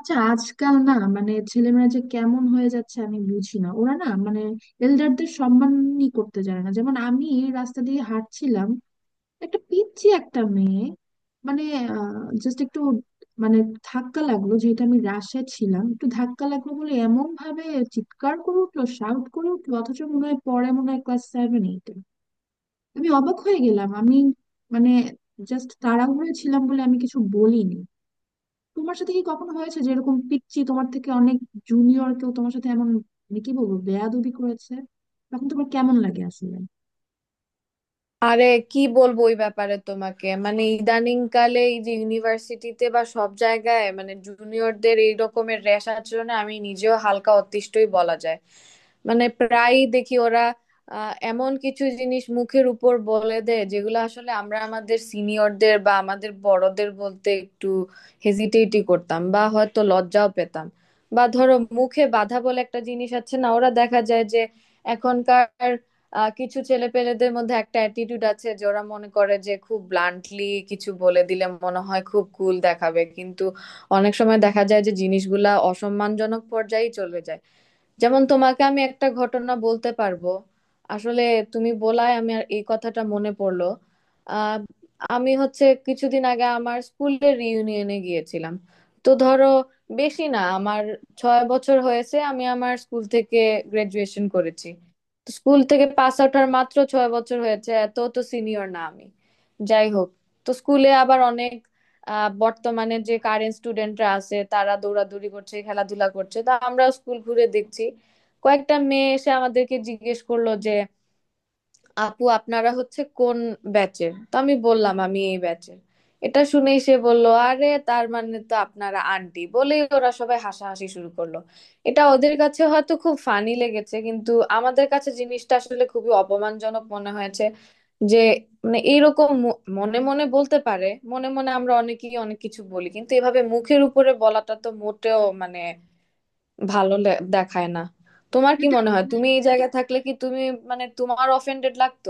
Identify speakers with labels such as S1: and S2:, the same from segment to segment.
S1: আচ্ছা, আজকাল না মানে ছেলেমেয়েরা যে কেমন হয়ে যাচ্ছে আমি বুঝি না। ওরা না মানে এল্ডারদের সম্মানই করতে জানে না। যেমন আমি রাস্তা দিয়ে হাঁটছিলাম, একটা পিচ্চি একটা মেয়ে, মানে জাস্ট একটু মানে ধাক্কা লাগলো, যেহেতু আমি রাশে ছিলাম একটু ধাক্কা লাগলো বলে এমন ভাবে চিৎকার করে উঠলো, শাউট করে উঠলো, অথচ মনে হয় পরে মনে হয় ক্লাস সেভেন এইটে। আমি অবাক হয়ে গেলাম, আমি মানে জাস্ট তাড়াহুড়ো ছিলাম বলে আমি কিছু বলিনি। তোমার সাথে কি কখনো হয়েছে যে এরকম পিচ্চি তোমার থেকে অনেক জুনিয়র কেউ তোমার সাথে এমন মানে কি বলবো বেয়াদবি করেছে? তখন তোমার কেমন লাগে আসলে?
S2: আরে, কি বলবো ওই ব্যাপারে তোমাকে। মানে ইদানিং কালে এই যে ইউনিভার্সিটিতে বা সব জায়গায় মানে জুনিয়রদের এই রকমের র্যাশ আচরণে আমি নিজেও হালকা অতিষ্ঠই বলা যায়। মানে প্রায়ই দেখি ওরা এমন কিছু জিনিস মুখের উপর বলে দেয় যেগুলো আসলে আমরা আমাদের সিনিয়রদের বা আমাদের বড়দের বলতে একটু হেজিটেটই করতাম বা হয়তো লজ্জাও পেতাম। বা ধরো মুখে বাধা বলে একটা জিনিস আছে না, ওরা দেখা যায় যে এখনকার কিছু ছেলেপেলেদের মধ্যে একটা অ্যাটিটিউড আছে যে ওরা মনে করে যে খুব ব্লান্টলি কিছু বলে দিলে মনে হয় খুব কুল দেখাবে, কিন্তু অনেক সময় দেখা যায় যে জিনিসগুলা অসম্মানজনক পর্যায়ে চলে যায়। যেমন তোমাকে আমি একটা ঘটনা বলতে পারবো আসলে, তুমি বলায় আমি আর এই কথাটা মনে পড়লো। আহ আমি হচ্ছে কিছুদিন আগে আমার স্কুলের রিইউনিয়নে গিয়েছিলাম। তো ধরো, বেশি না, আমার 6 বছর হয়েছে আমি আমার স্কুল থেকে গ্রাজুয়েশন করেছি। তো স্কুল থেকে পাস আউট হওয়ার মাত্র 6 বছর হয়েছে, এত তো সিনিয়র না আমি। যাই হোক, তো স্কুলে আবার অনেক বর্তমানে যে কারেন্ট স্টুডেন্টরা আছে তারা দৌড়াদৌড়ি করছে, খেলাধুলা করছে, তা আমরা স্কুল ঘুরে দেখছি। কয়েকটা মেয়ে এসে আমাদেরকে জিজ্ঞেস করলো যে আপু আপনারা হচ্ছে কোন ব্যাচের? তো আমি বললাম আমি এই ব্যাচের। এটা শুনেই সে বলল, আরে তার মানে তো আপনারা আন্টি, বলেই ওরা সবাই হাসাহাসি শুরু করলো। এটা ওদের কাছে হয়তো খুব ফানি লেগেছে, কিন্তু আমাদের কাছে জিনিসটা আসলে খুবই অপমানজনক মনে হয়েছে। যে মানে এইরকম মনে মনে বলতে পারে, মনে মনে আমরা অনেকেই অনেক কিছু বলি, কিন্তু এভাবে মুখের উপরে বলাটা তো মোটেও মানে ভালো দেখায় না। তোমার কি
S1: সেটাই
S2: মনে হয়
S1: মানে,
S2: তুমি এই জায়গায় থাকলে কি তুমি মানে তোমার অফেন্ডেড লাগতো?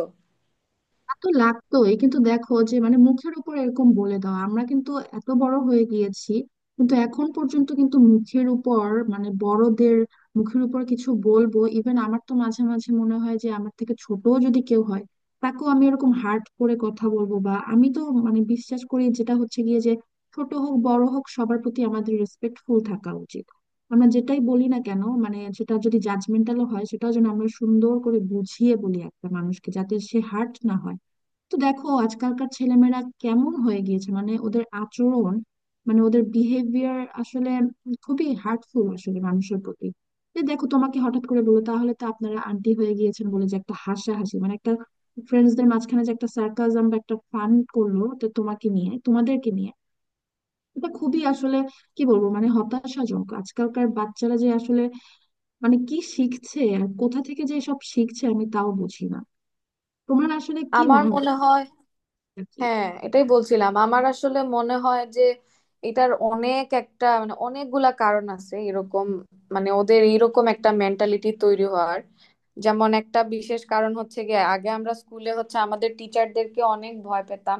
S1: তা তো লাগতোই, কিন্তু দেখো যে মানে মুখের উপর এরকম বলে দাও, আমরা কিন্তু এত বড় হয়ে গিয়েছি কিন্তু এখন পর্যন্ত কিন্তু মুখের উপর মানে বড়দের মুখের উপর কিছু বলবো? ইভেন আমার তো মাঝে মাঝে মনে হয় যে আমার থেকে ছোট যদি কেউ হয়, তাকেও আমি এরকম হার্ট করে কথা বলবো? বা আমি তো মানে বিশ্বাস করি যেটা হচ্ছে গিয়ে যে ছোট হোক বড় হোক সবার প্রতি আমাদের রেসপেক্টফুল থাকা উচিত। আমরা যেটাই বলি না কেন, মানে সেটা যদি জাজমেন্টালও হয় সেটাও যেন আমরা সুন্দর করে বুঝিয়ে বলি একটা মানুষকে, যাতে সে হার্ট না হয়। তো দেখো আজকালকার ছেলেমেয়েরা কেমন হয়ে গিয়েছে, মানে ওদের আচরণ মানে ওদের বিহেভিয়ার আসলে খুবই হার্টফুল আসলে মানুষের প্রতি। যে দেখো তোমাকে হঠাৎ করে বলো তাহলে তো আপনারা আন্টি হয়ে গিয়েছেন বলে যে একটা হাসাহাসি, মানে একটা ফ্রেন্ডসদের মাঝখানে যে একটা সার্কাজম বা একটা ফান করলো তো তোমাকে নিয়ে তোমাদেরকে নিয়ে, এটা খুবই আসলে কি বলবো মানে হতাশাজনক। আজকালকার বাচ্চারা যে আসলে মানে কি শিখছে আর কোথা থেকে যে সব শিখছে আমি তাও বুঝি না। তোমার আসলে কি
S2: আমার
S1: মনে
S2: মনে হয়,
S1: হয়?
S2: হ্যাঁ এটাই বলছিলাম। আমার আসলে মনে হয় যে এটার অনেক একটা মানে অনেকগুলা কারণ আছে এরকম মানে ওদের এইরকম একটা মেন্টালিটি তৈরি হওয়ার। যেমন একটা বিশেষ কারণ হচ্ছে গিয়ে আগে আমরা স্কুলে হচ্ছে আমাদের টিচারদেরকে অনেক ভয় পেতাম,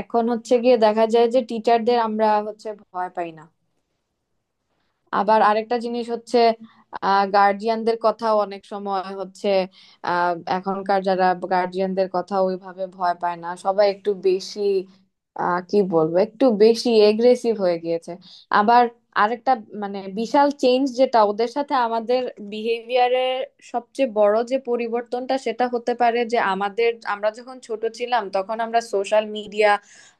S2: এখন হচ্ছে গিয়ে দেখা যায় যে টিচারদের আমরা হচ্ছে ভয় পাই না। আবার আরেকটা জিনিস হচ্ছে গার্জিয়ানদের কথাও অনেক সময় হচ্ছে এখনকার যারা গার্জিয়ানদের কথা ওইভাবে ভয় পায় না, সবাই একটু বেশি কি বলবো একটু বেশি এগ্রেসিভ হয়ে গিয়েছে। আবার আরেকটা মানে বিশাল চেঞ্জ যেটা ওদের সাথে আমাদের বিহেভিয়ারের সবচেয়ে বড় যে পরিবর্তনটা, সেটা হতে পারে যে আমাদের আমরা যখন ছোট ছিলাম তখন আমরা সোশ্যাল মিডিয়া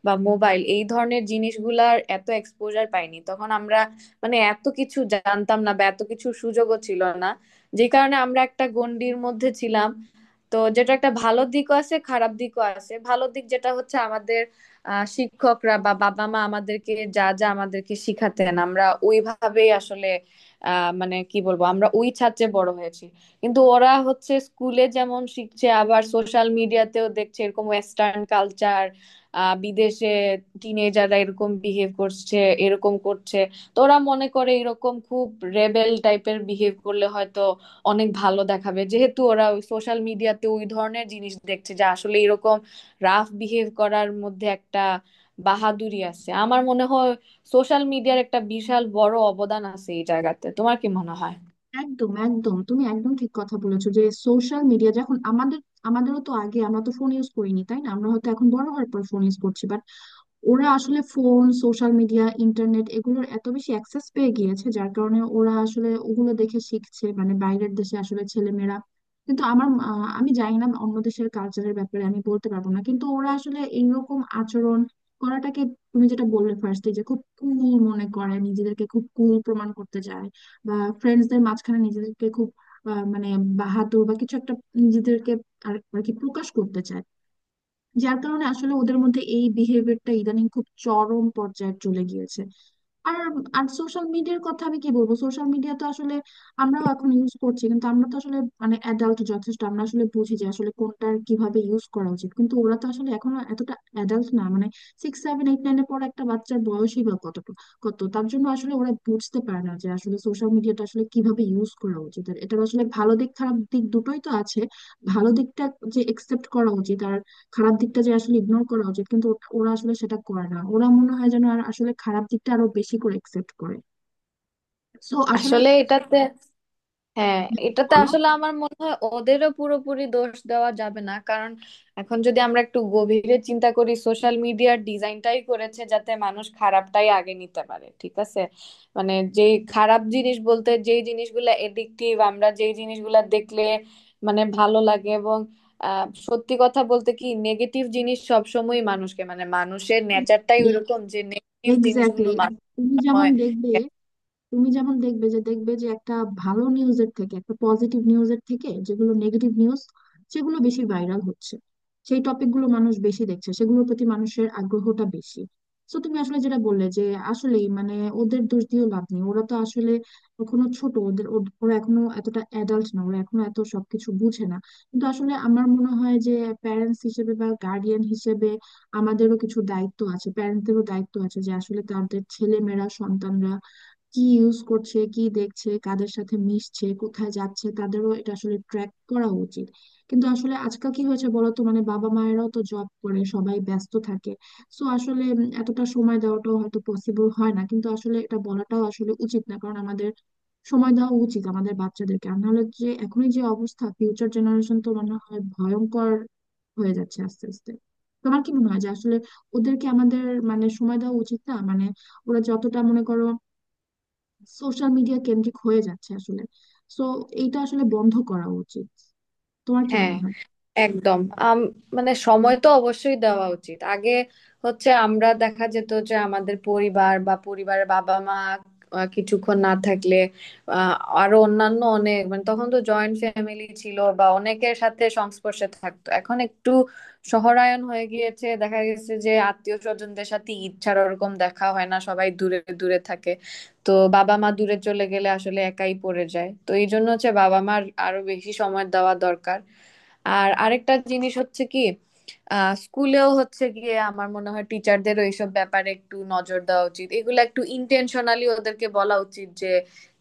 S2: বা মোবাইল এই ধরনের জিনিসগুলার এত এক্সপোজার পাইনি। তখন আমরা মানে এত কিছু জানতাম না বা এত কিছু সুযোগও ছিল না, যে কারণে আমরা একটা গণ্ডির মধ্যে ছিলাম। তো যেটা একটা ভালো দিকও আছে, খারাপ দিকও আছে। ভালো দিক যেটা হচ্ছে আমাদের শিক্ষকরা বা বাবা মা আমাদেরকে যা যা আমাদেরকে শিখাতেন আমরা ওইভাবেই আসলে মানে কি বলবো আমরা ওই ছাঁচে বড় হয়েছি। কিন্তু ওরা হচ্ছে স্কুলে যেমন শিখছে আবার সোশ্যাল মিডিয়াতেও দেখছে এরকম ওয়েস্টার্ন কালচার, বিদেশে টিনেজাররা এরকম বিহেভ করছে, এরকম করছে। তো ওরা মনে করে এরকম খুব রেবেল টাইপের বিহেভ করলে হয়তো অনেক ভালো দেখাবে, যেহেতু ওরা ওই সোশ্যাল মিডিয়াতে ওই ধরনের জিনিস দেখছে যে আসলে এরকম রাফ বিহেভ করার মধ্যে একটা বাহাদুরি আছে আমার মনে হয়। সোশ্যাল মিডিয়ার একটা বিশাল বড় অবদান আছে এই জায়গাতে, তোমার কি মনে হয়?
S1: একদম একদম, তুমি একদম ঠিক কথা বলেছো যে সোশ্যাল মিডিয়া যখন আমাদের, আমাদেরও তো আগে, আমরা তো ফোন ইউজ করিনি, তাই না? আমরা হয়তো এখন বড় হওয়ার পর ফোন ইউজ করছি। ওরা আসলে ফোন, সোশ্যাল মিডিয়া, ইন্টারনেট এগুলোর এত বেশি অ্যাক্সেস পেয়ে গিয়েছে যার কারণে ওরা আসলে ওগুলো দেখে শিখছে, মানে বাইরের দেশে আসলে ছেলেমেয়েরা। কিন্তু আমার আমি জানি না অন্য দেশের কালচারের ব্যাপারে আমি বলতে পারবো না, কিন্তু ওরা আসলে এইরকম আচরণ করাটাকে, তুমি যেটা বললে ফার্স্টে যে খুব কুল মনে করে, নিজেদেরকে খুব কুল প্রমাণ করতে চায়, বা ফ্রেন্ডসদের মাঝখানে নিজেদেরকে খুব মানে বাহাদুর বা কিছু একটা নিজেদেরকে আর আর কি প্রকাশ করতে চায়, যার কারণে আসলে ওদের মধ্যে এই বিহেভিয়ারটা ইদানিং খুব চরম পর্যায়ে চলে গিয়েছে। আর আর সোশ্যাল মিডিয়ার কথা আমি কি বলবো, সোশ্যাল মিডিয়া তো আসলে আমরাও এখন ইউজ করছি কিন্তু আমরা তো আসলে মানে অ্যাডাল্ট যথেষ্ট, আমরা আসলে বুঝি যে আসলে কোনটার কিভাবে ইউজ করা উচিত। কিন্তু ওরা তো আসলে এখনো এতটা অ্যাডাল্ট না, মানে সিক্স সেভেন এইট নাইনের পর একটা বাচ্চার বয়সই বা কতটুকু কত, তার জন্য আসলে ওরা বুঝতে পারে না যে আসলে সোশ্যাল মিডিয়াটা আসলে কিভাবে ইউজ করা উচিত। আর এটার আসলে ভালো দিক খারাপ দিক দুটোই তো আছে। ভালো দিকটা যে একসেপ্ট করা উচিত আর খারাপ দিকটা যে আসলে ইগনোর করা উচিত, কিন্তু ওরা আসলে সেটা করে না। ওরা মনে হয় যেন আর আসলে খারাপ দিকটা আরো বেশি করে একসেপ্ট করে। সো আসলে,
S2: আসলে এটাতে, হ্যাঁ, এটাতে
S1: বলো।
S2: আসলে আমার মনে হয় ওদেরও পুরোপুরি দোষ দেওয়া যাবে না, কারণ এখন যদি আমরা একটু গভীরে চিন্তা করি সোশ্যাল মিডিয়ার ডিজাইনটাই করেছে যাতে মানুষ খারাপটাই আগে নিতে পারে, ঠিক আছে? মানে যে খারাপ জিনিস বলতে যেই জিনিসগুলো এডিকটিভ, আমরা যেই জিনিসগুলো দেখলে মানে ভালো লাগে, এবং সত্যি কথা বলতে কি নেগেটিভ জিনিস সবসময় মানুষকে মানে মানুষের নেচারটাই ওইরকম যে নেগেটিভ
S1: এক্স্যাক্টলি,
S2: জিনিসগুলো মানুষ
S1: তুমি যেমন
S2: হয়।
S1: দেখবে, যে একটা ভালো নিউজের থেকে একটা পজিটিভ নিউজের থেকে যেগুলো নেগেটিভ নিউজ, সেগুলো বেশি ভাইরাল হচ্ছে, সেই টপিকগুলো মানুষ বেশি দেখছে, সেগুলোর প্রতি মানুষের আগ্রহটা বেশি। তো তুমি আসলে যেটা বললে যে আসলেই মানে ওদের দোষ দিয়েও লাভ নেই, ওরা তো আসলে এখনো ছোট। ওদের ওরা এখনো এতটা অ্যাডাল্ট না, ওরা এখনো এত সবকিছু বুঝে না। কিন্তু আসলে আমার মনে হয় যে প্যারেন্টস হিসেবে বা গার্ডিয়ান হিসেবে আমাদেরও কিছু দায়িত্ব আছে, প্যারেন্টদেরও দায়িত্ব আছে যে আসলে তাদের ছেলে মেয়েরা সন্তানরা কি ইউজ করছে, কি দেখছে, কাদের সাথে মিশছে, কোথায় যাচ্ছে, তাদেরও এটা আসলে ট্র্যাক করা উচিত। কিন্তু আসলে আজকাল কি হয়েছে বলতো, মানে বাবা মায়েরাও তো জব করে, সবাই ব্যস্ত থাকে। সো আসলে এতটা সময় দেওয়াটাও হয়তো পসিবল হয় না, কিন্তু আসলে এটা বলাটাও আসলে উচিত না, কারণ আমাদের সময় দেওয়া উচিত আমাদের বাচ্চাদেরকে। আর নাহলে যে এখনই যে অবস্থা, ফিউচার জেনারেশন তো মনে হয় ভয়ঙ্কর হয়ে যাচ্ছে আস্তে আস্তে। তোমার কি মনে হয় যে আসলে ওদেরকে আমাদের মানে সময় দেওয়া উচিত না মানে ওরা যতটা মনে করো সোশ্যাল মিডিয়া কেন্দ্রিক হয়ে যাচ্ছে আসলে, তো এইটা আসলে বন্ধ করা উচিত? তোমার কি
S2: হ্যাঁ
S1: মনে হয়?
S2: একদম, মানে সময় তো অবশ্যই দেওয়া উচিত। আগে হচ্ছে আমরা দেখা যেত যে আমাদের পরিবার বা পরিবারের বাবা মা কিছুক্ষণ না থাকলে আহ, আরো অন্যান্য অনেক মানে তখন তো জয়েন্ট ফ্যামিলি ছিল বা অনেকের সাথে সংস্পর্শে থাকতো, এখন একটু শহরায়ন হয়ে গিয়েছে, দেখা গেছে যে আত্মীয় স্বজনদের সাথে ঈদ ছাড়া ওরকম দেখা হয় না, সবাই দূরে দূরে থাকে। তো বাবা মা দূরে চলে গেলে আসলে একাই পড়ে যায়, তো এই জন্য হচ্ছে বাবা মার আরো বেশি সময় দেওয়া দরকার। আর আরেকটা জিনিস হচ্ছে কি, স্কুলেও হচ্ছে গিয়ে আমার মনে হয় টিচারদেরও এইসব ব্যাপারে একটু নজর দেওয়া উচিত, এগুলো একটু ইন্টেনশনালি ওদেরকে বলা উচিত যে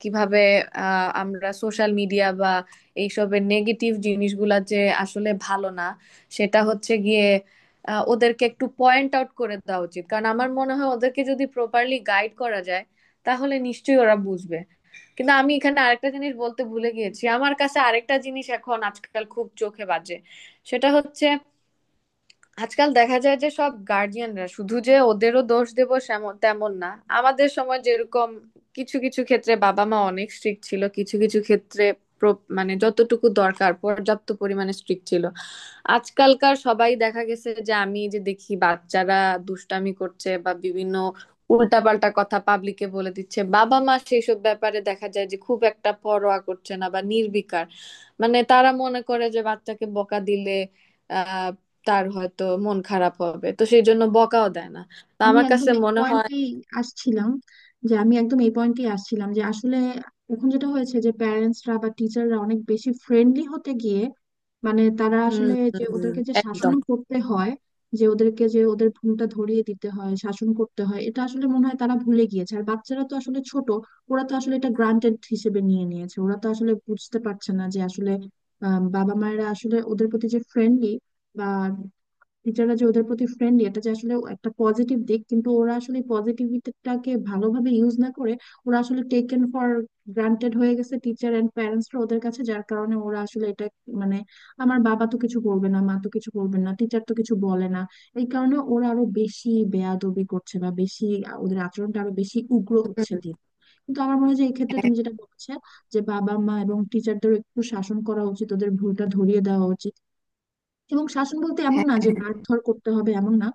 S2: কিভাবে আমরা সোশ্যাল মিডিয়া বা এইসবের নেগেটিভ জিনিসগুলা যে আসলে ভালো না সেটা হচ্ছে গিয়ে ওদেরকে একটু পয়েন্ট আউট করে দেওয়া উচিত। কারণ আমার মনে হয় ওদেরকে যদি প্রপারলি গাইড করা যায় তাহলে নিশ্চয়ই ওরা বুঝবে। কিন্তু আমি এখানে আরেকটা জিনিস বলতে ভুলে গিয়েছি, আমার কাছে আরেকটা জিনিস এখন আজকাল খুব চোখে বাজে। সেটা হচ্ছে, আজকাল দেখা যায় যে সব গার্ডিয়ানরা শুধু যে ওদেরও দোষ দেব তেমন না। আমাদের সময় যেরকম কিছু কিছু ক্ষেত্রে বাবা মা অনেক স্ট্রিক্ট ছিল, কিছু কিছু ক্ষেত্রে মানে যতটুকু দরকার পর্যাপ্ত পরিমাণে স্ট্রিক্ট ছিল। আজকালকার সবাই দেখা গেছে যে আমি যে দেখি বাচ্চারা দুষ্টামি করছে বা বিভিন্ন উল্টাপাল্টা কথা পাবলিকে বলে দিচ্ছে, বাবা মা সেইসব ব্যাপারে দেখা যায় যে খুব একটা পরোয়া করছে না বা নির্বিকার। মানে তারা মনে করে যে বাচ্চাকে বকা দিলে তার হয়তো মন খারাপ হবে, তো সেই জন্য বকাও দেয় না। তো
S1: আমি
S2: আমার
S1: একদম
S2: কাছে
S1: এই
S2: মনে হয়,
S1: পয়েন্টেই আসছিলাম, যে আসলে এখন যেটা হয়েছে যে প্যারেন্টসরা বা টিচাররা অনেক বেশি ফ্রেন্ডলি হতে গিয়ে, মানে তারা
S2: হুম,
S1: আসলে যে
S2: হুম, হুম,
S1: ওদেরকে যে
S2: একদম।
S1: শাসনও করতে হয়, যে ওদেরকে যে ওদের ভুলটা ধরিয়ে দিতে হয়, শাসন করতে হয়, এটা আসলে মনে হয় তারা ভুলে গিয়েছে। আর বাচ্চারা তো আসলে ছোট, ওরা তো আসলে এটা গ্রান্টেড হিসেবে নিয়ে নিয়েছে। ওরা তো আসলে বুঝতে পারছে না যে আসলে বাবা মায়েরা আসলে ওদের প্রতি যে ফ্রেন্ডলি বা টিচাররা যে ওদের প্রতি ফ্রেন্ডলি, এটা যে আসলে একটা পজিটিভ দিক, কিন্তু ওরা আসলে পজিটিভিটিটাকে ভালোভাবে ইউজ না করে, ওরা আসলে টেকেন ফর গ্রান্টেড হয়ে গেছে টিচার অ্যান্ড প্যারেন্টসরা ওদের কাছে, যার কারণে ওরা আসলে এটা মানে আমার বাবা তো কিছু করবে না, মা তো কিছু করবে না, টিচার তো কিছু বলে না, এই কারণে ওরা আরো বেশি বেয়াদবি করছে বা বেশি ওদের আচরণটা আরো বেশি উগ্র হচ্ছে
S2: হুম,
S1: দিন। কিন্তু আমার মনে হয় যে এক্ষেত্রে
S2: হ্যাঁ।
S1: তুমি যেটা বলছো, যে বাবা মা এবং টিচারদের একটু শাসন করা উচিত, ওদের ভুলটা ধরিয়ে দেওয়া উচিত, এবং শাসন বলতে এমন না
S2: হ্যাঁ।
S1: যে মারধর করতে হবে, এমন না,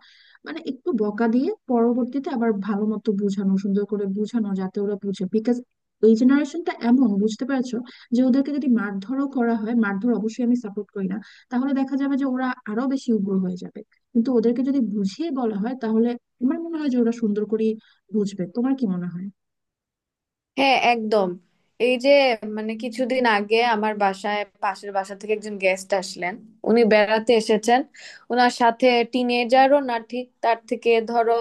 S1: মানে একটু বকা দিয়ে পরবর্তীতে আবার ভালো মতো বোঝানো, সুন্দর করে বোঝানো, যাতে ওরা বুঝে। বিকজ এই জেনারেশনটা এমন, বুঝতে পারছো, যে ওদেরকে যদি মারধরও করা হয়, মারধর অবশ্যই আমি সাপোর্ট করি না, তাহলে দেখা যাবে যে ওরা আরো বেশি উগ্র হয়ে যাবে। কিন্তু ওদেরকে যদি বুঝিয়ে বলা হয় তাহলে আমার মনে হয় যে ওরা সুন্দর করে বুঝবে। তোমার কি মনে হয়?
S2: হ্যাঁ একদম। এই যে মানে কিছুদিন আগে আমার বাসায় পাশের বাসা থেকে একজন গেস্ট আসলেন, উনি বেড়াতে এসেছেন। ওনার সাথে টিনেজারও না ঠিক, তার থেকে ধরো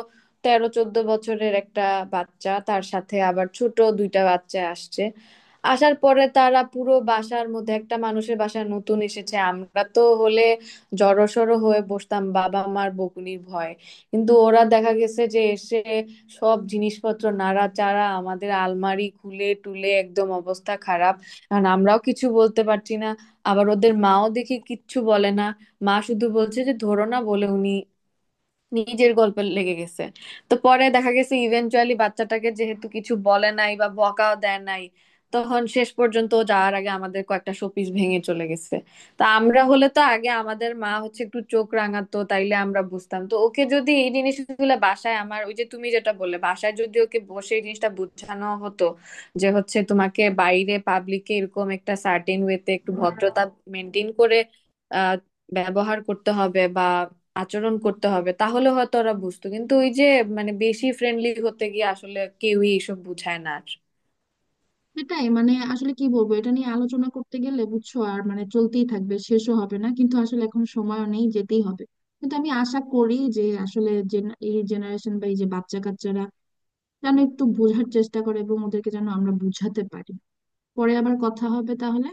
S2: 13-14 বছরের একটা বাচ্চা, তার সাথে আবার ছোট দুইটা বাচ্চা আসছে। আসার পরে তারা পুরো বাসার মধ্যে, একটা মানুষের বাসায় নতুন এসেছে, আমরা তো হলে জড়সড় হয়ে বসতাম বাবা মার বকুনির ভয়। কিন্তু ওরা দেখা গেছে যে এসে সব জিনিসপত্র নাড়াচাড়া, আমাদের আলমারি খুলে টুলে একদম অবস্থা খারাপ। আর আমরাও কিছু বলতে পারছি না, আবার ওদের মাও দেখি কিচ্ছু বলে না। মা শুধু বলছে যে ধরো না বলে উনি নিজের গল্পে লেগে গেছে। তো পরে দেখা গেছে ইভেনচুয়ালি বাচ্চাটাকে যেহেতু কিছু বলে নাই বা বকাও দেয় নাই, তখন শেষ পর্যন্ত ও যাওয়ার আগে আমাদের কয়েকটা শোপিস ভেঙে চলে গেছে। তা আমরা হলে তো আগে আমাদের মা হচ্ছে একটু চোখ রাঙাতো, তাইলে আমরা বুঝতাম। তো ওকে যদি এই জিনিসগুলো বাসায়, আমার ওই যে তুমি যেটা বললে, বাসায় যদি ওকে বসে এই জিনিসটা বোঝানো হতো যে হচ্ছে তোমাকে বাইরে পাবলিকে এরকম একটা সার্টেন ওয়েতে একটু ভদ্রতা মেনটেন করে আহ ব্যবহার করতে হবে বা আচরণ করতে হবে, তাহলে হয়তো ওরা বুঝতো। কিন্তু ওই যে মানে বেশি ফ্রেন্ডলি হতে গিয়ে আসলে কেউই এসব বুঝায় না আর।
S1: সেটাই মানে, আসলে কি বলবো, এটা নিয়ে আলোচনা করতে গেলে বুঝছো আর মানে চলতেই থাকবে, শেষও হবে না, কিন্তু আসলে এখন সময় নেই, যেতেই হবে। কিন্তু আমি আশা করি যে আসলে এই জেনারেশন বা এই যে বাচ্চা কাচ্চারা যেন একটু বোঝার চেষ্টা করে এবং ওদেরকে যেন আমরা বুঝাতে পারি। পরে আবার কথা হবে তাহলে।